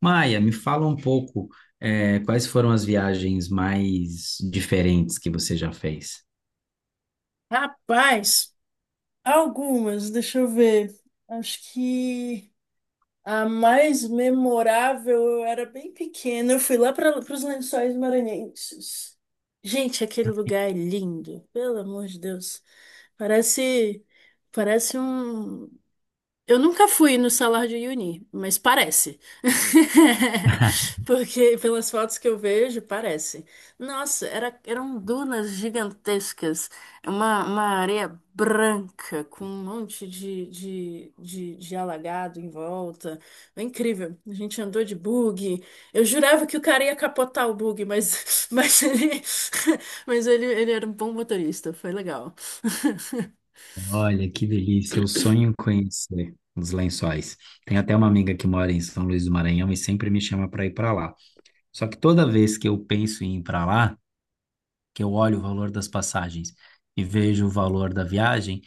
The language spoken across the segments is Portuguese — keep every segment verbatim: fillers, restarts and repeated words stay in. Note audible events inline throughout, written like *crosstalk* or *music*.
Maia, me fala um pouco, eh, quais foram as viagens mais diferentes que você já fez? Rapaz, algumas, deixa eu ver. Acho que a mais memorável, eu era bem pequena, eu fui lá para os Lençóis Maranhenses. Gente, aquele lugar é lindo, pelo amor de Deus. Parece, parece um, eu nunca fui no Salar de Uyuni, mas parece. *laughs* *laughs* Porque pelas fotos que eu vejo, parece. Nossa, era- eram dunas gigantescas. É uma, uma areia branca com um monte de, de, de, de alagado em volta. É incrível. A gente andou de bug. Eu jurava que o cara ia capotar o bug, mas, *laughs* mas, ele, *laughs* mas ele, ele era um bom motorista. Foi legal. *laughs* Olha, que delícia, eu sonho em conhecer os Lençóis. Tem até uma amiga que mora em São Luís do Maranhão e sempre me chama para ir para lá. Só que toda vez que eu penso em ir para lá, que eu olho o valor das passagens e vejo o valor da viagem,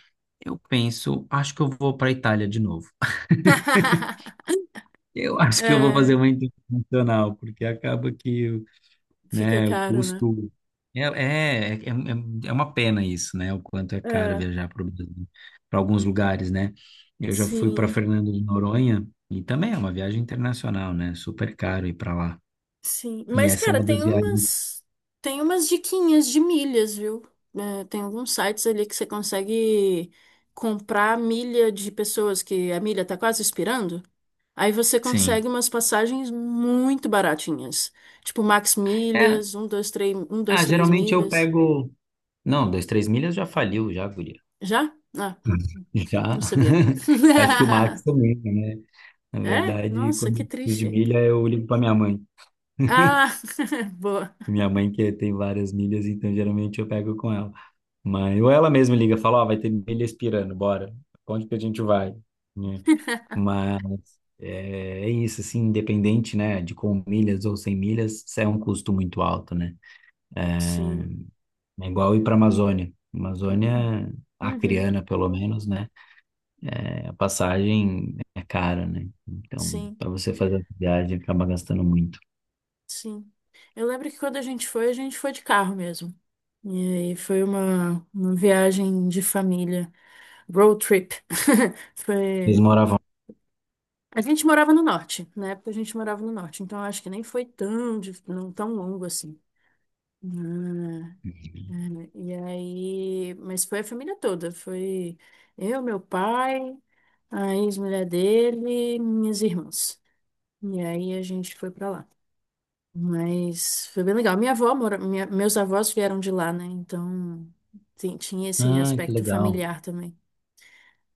eu penso, acho que eu vou para a Itália de novo. *laughs* Eu acho que eu vou fazer É. uma internacional, porque acaba que Fica né? O caro, né? custo. É, é, é, é é uma pena isso, né? O quanto é caro É. viajar para alguns lugares, né? Eu já fui para Sim, Fernando de Noronha e também é uma viagem internacional, né? Super caro ir para lá. sim. E Mas, essa é cara, uma das tem viagens. umas, tem umas diquinhas de milhas, viu? É, tem alguns sites ali que você consegue comprar milha de pessoas que a milha tá quase expirando. Aí você consegue Sim. umas passagens muito baratinhas. Tipo Max É, Milhas, um dois três um ah, dois três geralmente eu milhas. pego. Não, dois, três milhas já faliu, já, guria. Já? Ah, enfim, Já. não sabia. *laughs* Acho que o Max *laughs* também, né? Na É? verdade, Nossa, quando que eu preciso de triste. milha, eu ligo para minha mãe. Ah, *laughs* boa. Minha mãe que tem várias milhas, então geralmente eu pego com ela. Mas, ou ela mesma liga, fala, ó, vai ter milha expirando, bora. Onde que a gente vai? Né? Mas é, é isso, assim, independente, né, de com milhas ou sem milhas, isso é um custo muito alto, né? É, Sim. é igual ir para Amazônia. Amazônia Uhum. acriana, pelo menos, né? É, a passagem é cara, né? Então, Sim, para você fazer a viagem, acaba gastando muito. sim. Eu lembro que quando a gente foi, a gente foi de carro mesmo. E aí foi uma, uma viagem de família, road trip. *laughs* Eles Foi. moravam. A gente morava no norte, na época a gente morava no norte, então eu acho que nem foi tão, dif- não tão longo assim. Ah, é, e aí, mas foi a família toda, foi eu, meu pai, a ex-mulher dele, minhas irmãs. E aí a gente foi pra lá. Mas foi bem legal. Minha avó mora, minha- Meus avós vieram de lá, né? Então ti- tinha esse Ah, que aspecto legal. familiar também.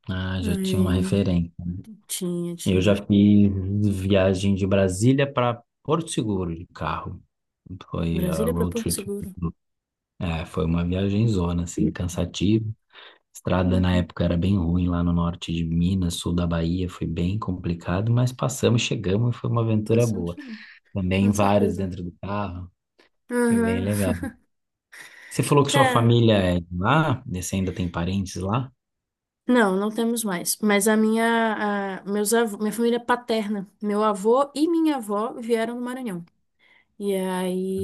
Ah, já tinha uma Ai, referência. Né? tinha, Eu já tinha. fiz viagem de Brasília para Porto Seguro de carro. Foi a Brasília para road Porto trip. Seguro. É, foi uma viagem zona, assim, cansativa. Estrada na Uhum. época era bem ruim lá no norte de Minas, sul da Bahia, foi bem complicado, mas passamos, chegamos e foi uma aventura Bastante, boa. Também com vários certeza. dentro do carro, foi bem Uhum. legal. Você falou que sua Cara, família é de lá? E você ainda tem parentes lá? não, não temos mais. Mas a minha, a, meus avô, minha família paterna, meu avô e minha avó vieram do Maranhão. E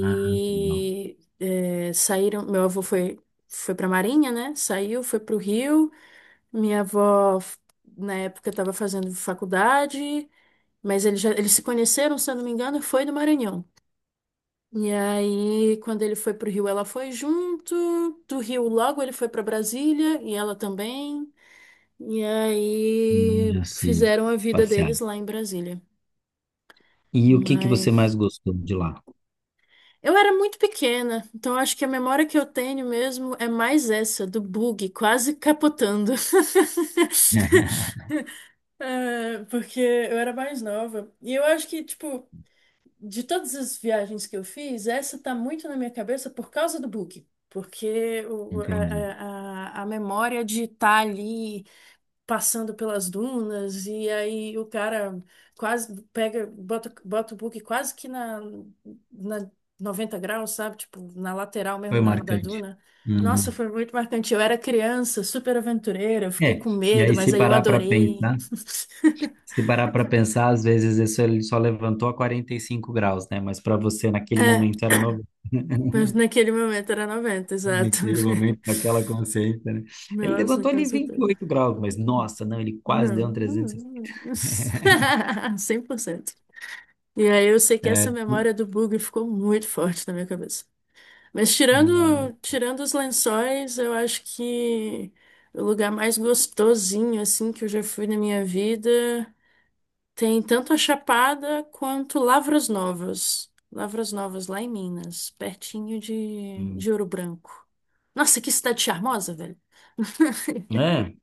Ah, não. é, saíram. Meu avô foi foi para Marinha, né? Saiu, foi para o Rio. Minha avó, na época, estava fazendo faculdade, mas eles, já, eles se conheceram, se eu não me engano, e foi no Maranhão. E aí, quando ele foi pro Rio, ela foi junto. Do Rio, logo ele foi para Brasília e ela também. E Hum, aí, já sei. fizeram a vida Passear. deles lá em Brasília. E o que que você mais Mas gostou de lá? eu era muito pequena, então acho que a memória que eu tenho mesmo é mais essa, do bug quase capotando. *laughs* *laughs* É, porque eu era mais nova. E eu acho que, tipo, de todas as viagens que eu fiz, essa tá muito na minha cabeça por causa do book. Porque o- a, Entendi. a, a a memória de estar ali passando pelas dunas, e aí o cara quase pega, bota, bota o book quase que na, na noventa graus, sabe? Tipo, na lateral Foi mesmo da, da marcante. duna. Nossa, Uhum. foi muito marcante. Eu era criança, super aventureira, eu fiquei É, com e medo, aí mas se aí eu parar para adorei. pensar, *laughs* se parar para pensar, às vezes isso ele só levantou a quarenta e cinco graus, né? Mas para você naquele É, momento era novo, mas naquele momento era noventa exato. naquele *laughs* momento, naquela consciência, né? Ele Nossa, levantou com ali vinte e certeza. oito graus, mas nossa, não, ele quase deu Não. um trezentos. *laughs* Cem por cento. E aí eu sei que É, essa é, memória do bug ficou muito forte na minha cabeça. Mas tirando, tirando os lençóis, eu acho que o lugar mais gostosinho assim que eu já fui na minha vida. Tem tanto a Chapada quanto Lavras Novas. Lavras Novas, lá em Minas, pertinho de, hum. de Ouro Branco. Nossa, que cidade charmosa, velho. É,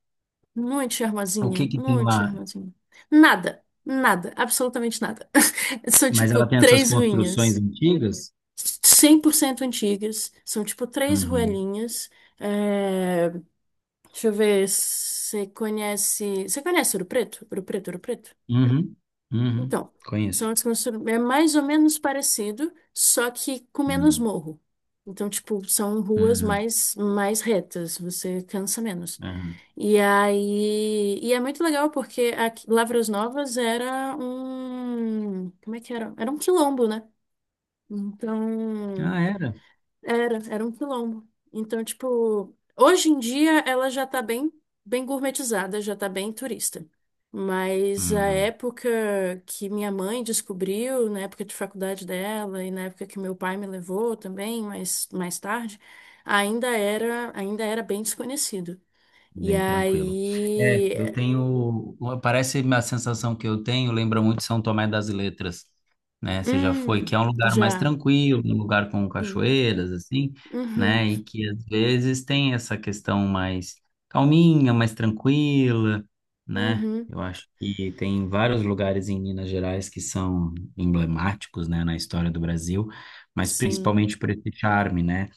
Muito o charmosinha, que que tem muito lá? charmosinha. Nada, nada, absolutamente nada. *laughs* São Mas tipo ela tem essas três construções ruínas, antigas? cem por cento antigas, são tipo três Uhum. ruelinhas. É... Deixa eu ver, você conhece. Você conhece Ouro Preto? Ouro Preto, Ouro Preto? Uhum. Uhum. Então, são Conheço. artes constru- é mais ou menos parecido, só que com menos Uhum. morro. Então, tipo, são ruas Uhum, mais, mais retas, você cansa menos. uhum. E aí, e é muito legal porque aqui, Lavras Novas era um, como é que era? Era um quilombo, né? Então, Ah, era. era, era um quilombo. Então, tipo, hoje em dia ela já tá bem, bem gourmetizada, já tá bem turista. Mas a Uhum, época que minha mãe descobriu, na época de faculdade dela e na época que meu pai me levou também, mas mais tarde, ainda era, ainda era bem desconhecido. E bem tranquilo. É, aí, eu tenho. Parece a sensação que eu tenho, lembra muito São Tomé das Letras, né? Você já foi, que hum, é um lugar mais já, tranquilo, um lugar com sim. cachoeiras, assim, Uhum, né? E que às vezes tem essa questão mais calminha, mais tranquila, né? uhum, Eu acho que tem vários lugares em Minas Gerais que são emblemáticos, né, na história do Brasil, mas sim. principalmente por esse charme, né?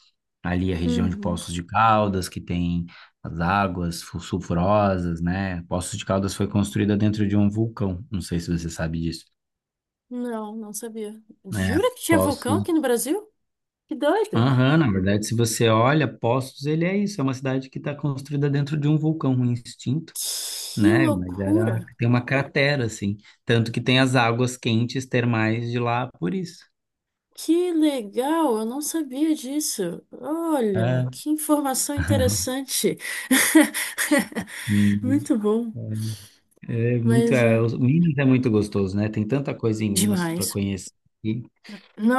Ali a região de Uhum. Poços de Caldas, que tem as águas fu- sulfurosas, né? Poços de Caldas foi construída dentro de um vulcão, não sei se você sabe disso. Não, não sabia. É, Jura que tinha vulcão aqui Poços. no Brasil? Que doido! Aham, na verdade, se você olha, Poços, ele é isso, é uma cidade que está construída dentro de um vulcão, um extinto, Que né? Mas era, loucura! tem uma cratera, assim. Tanto que tem as águas quentes termais de lá por isso. Que legal! Eu não sabia disso. É. Olha, que informação *laughs* interessante. *laughs* Hum, Muito bom, É, é muito, mas é, é, os- Minas é muito gostoso, né? Tem tanta coisa em Minas para demais. conhecer.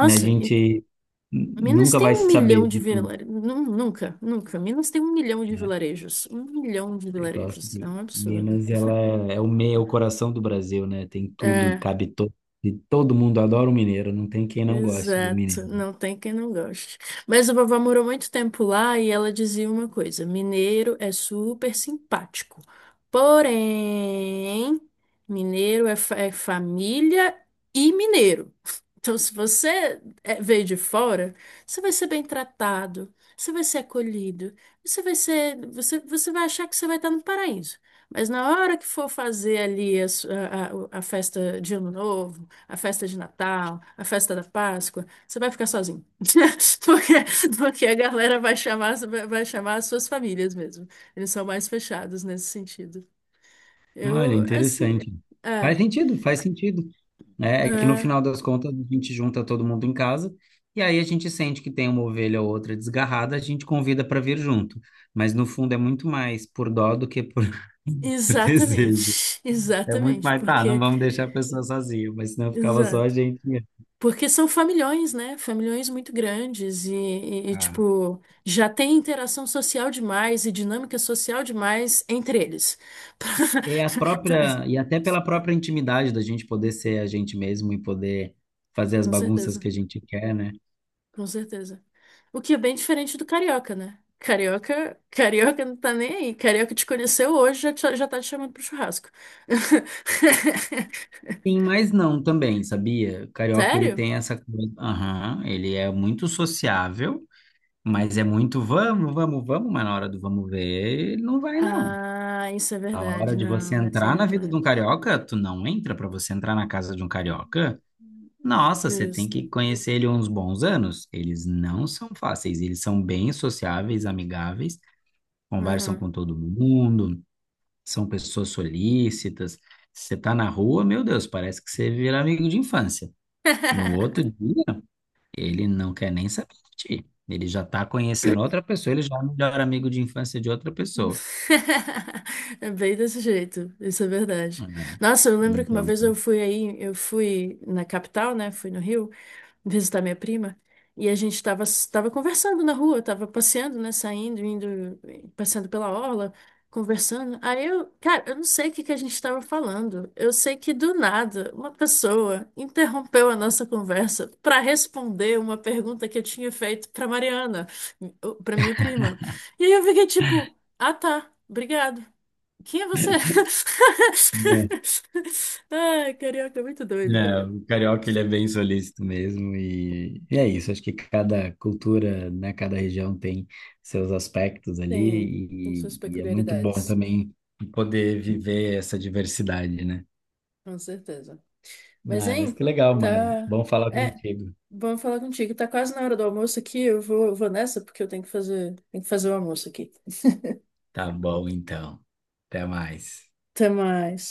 Né, a e- gente Minas nunca tem vai um saber milhão de de tudo, vilarejos. Nunca, nunca. Minas tem um milhão de né? vilarejos. Um milhão de Eu gosto vilarejos. É de um absurdo. Minas, ela é, é o meio, é o coração do Brasil, né? Tem tudo, e É. cabe todo, e todo mundo adora o mineiro, não tem quem não goste de um mineiro. Exato, não tem quem não goste. Mas a vovó morou muito tempo lá e ela dizia uma coisa: mineiro é super simpático. Porém, mineiro é, fa- é família e mineiro. Então, se você é- veio de fora, você vai ser bem tratado, você vai ser acolhido, você vai ser, você, você vai achar que você vai estar no paraíso. Mas na hora que for fazer ali a, su- a a- a festa de Ano Novo, a festa de Natal, a festa da Páscoa, você vai ficar sozinho. *laughs* Porque, porque a galera vai chamar, vai chamar as suas famílias mesmo. Eles são mais fechados nesse sentido. Olha, Eu, assim, interessante. é, Faz sentido, faz sentido. Né? É que no é, final das contas a gente junta todo mundo em casa e aí a gente sente que tem uma ovelha ou outra desgarrada, a gente convida para vir junto. Mas no fundo é muito mais por dó do que por, *laughs* por exatamente, desejo. *laughs* É muito exatamente, mais, tá, não porque, vamos deixar a pessoa sozinha, mas senão ficava só a exato. gente mesmo. Porque são familhões, né? Familhões muito grandes e, e, e, Ah. tipo, já tem interação social demais e dinâmica social demais entre eles. É a própria, e *laughs* até pela própria intimidade da gente poder ser a gente mesmo e poder fazer as Com bagunças certeza. que a gente quer, né? Com certeza. O que é bem diferente do carioca, né? Carioca, carioca não tá nem aí. Carioca te conheceu hoje, já, te- já tá te chamando pro churrasco. Sim, *laughs* mas não também, sabia? O carioca, ele Sério? tem essa coisa, aham, ele é muito sociável, mas é muito vamos, vamos, vamos, mas na hora do vamos ver, ele não vai não. Ah, isso é A hora verdade. de você Não, isso é entrar na vida de um verdade. carioca, tu não entra pra você entrar na casa de um carioca. Nossa, você tem Justo. que conhecer ele uns bons anos. Eles não são fáceis, eles são bem sociáveis, amigáveis, conversam Uhum. com todo mundo, são pessoas solícitas. Se você tá na rua, meu Deus, parece que você vira amigo de infância. No outro *laughs* dia, ele não quer nem saber de ti. Ele já tá conhecendo outra pessoa, ele já é o melhor amigo de infância de outra *laughs* pessoa. É bem desse jeito, isso é verdade. É. Nossa, eu lembro que uma Então, vez eu fui aí, eu fui na capital, né? Fui no Rio visitar minha prima e a gente tava, tava conversando na rua, tava passeando, né? Saindo, indo, passeando pela orla, conversando. Aí eu, cara, eu não sei o que que a gente tava falando. Eu sei que do nada uma pessoa interrompeu a nossa conversa para responder uma pergunta que eu tinha feito para Mariana, para minha prima. E aí eu fiquei tipo. Ah, tá. Obrigado. Quem é você? é. *laughs* Ai, carioca é muito doido, É, velho. o carioca ele é bem solícito mesmo e, e é isso. Acho que cada cultura, né, cada região tem seus aspectos Tem, tem ali e, suas e é muito bom peculiaridades, também poder viver essa diversidade, né? com certeza. Mas, Ah, mas que hein, legal, Mari. tá. Bom falar É, contigo. vamos falar contigo. Tá quase na hora do almoço aqui. Eu vou, eu vou nessa porque eu tenho que fazer, tenho que fazer o almoço aqui. Tá bom, então. Até mais. Até mais.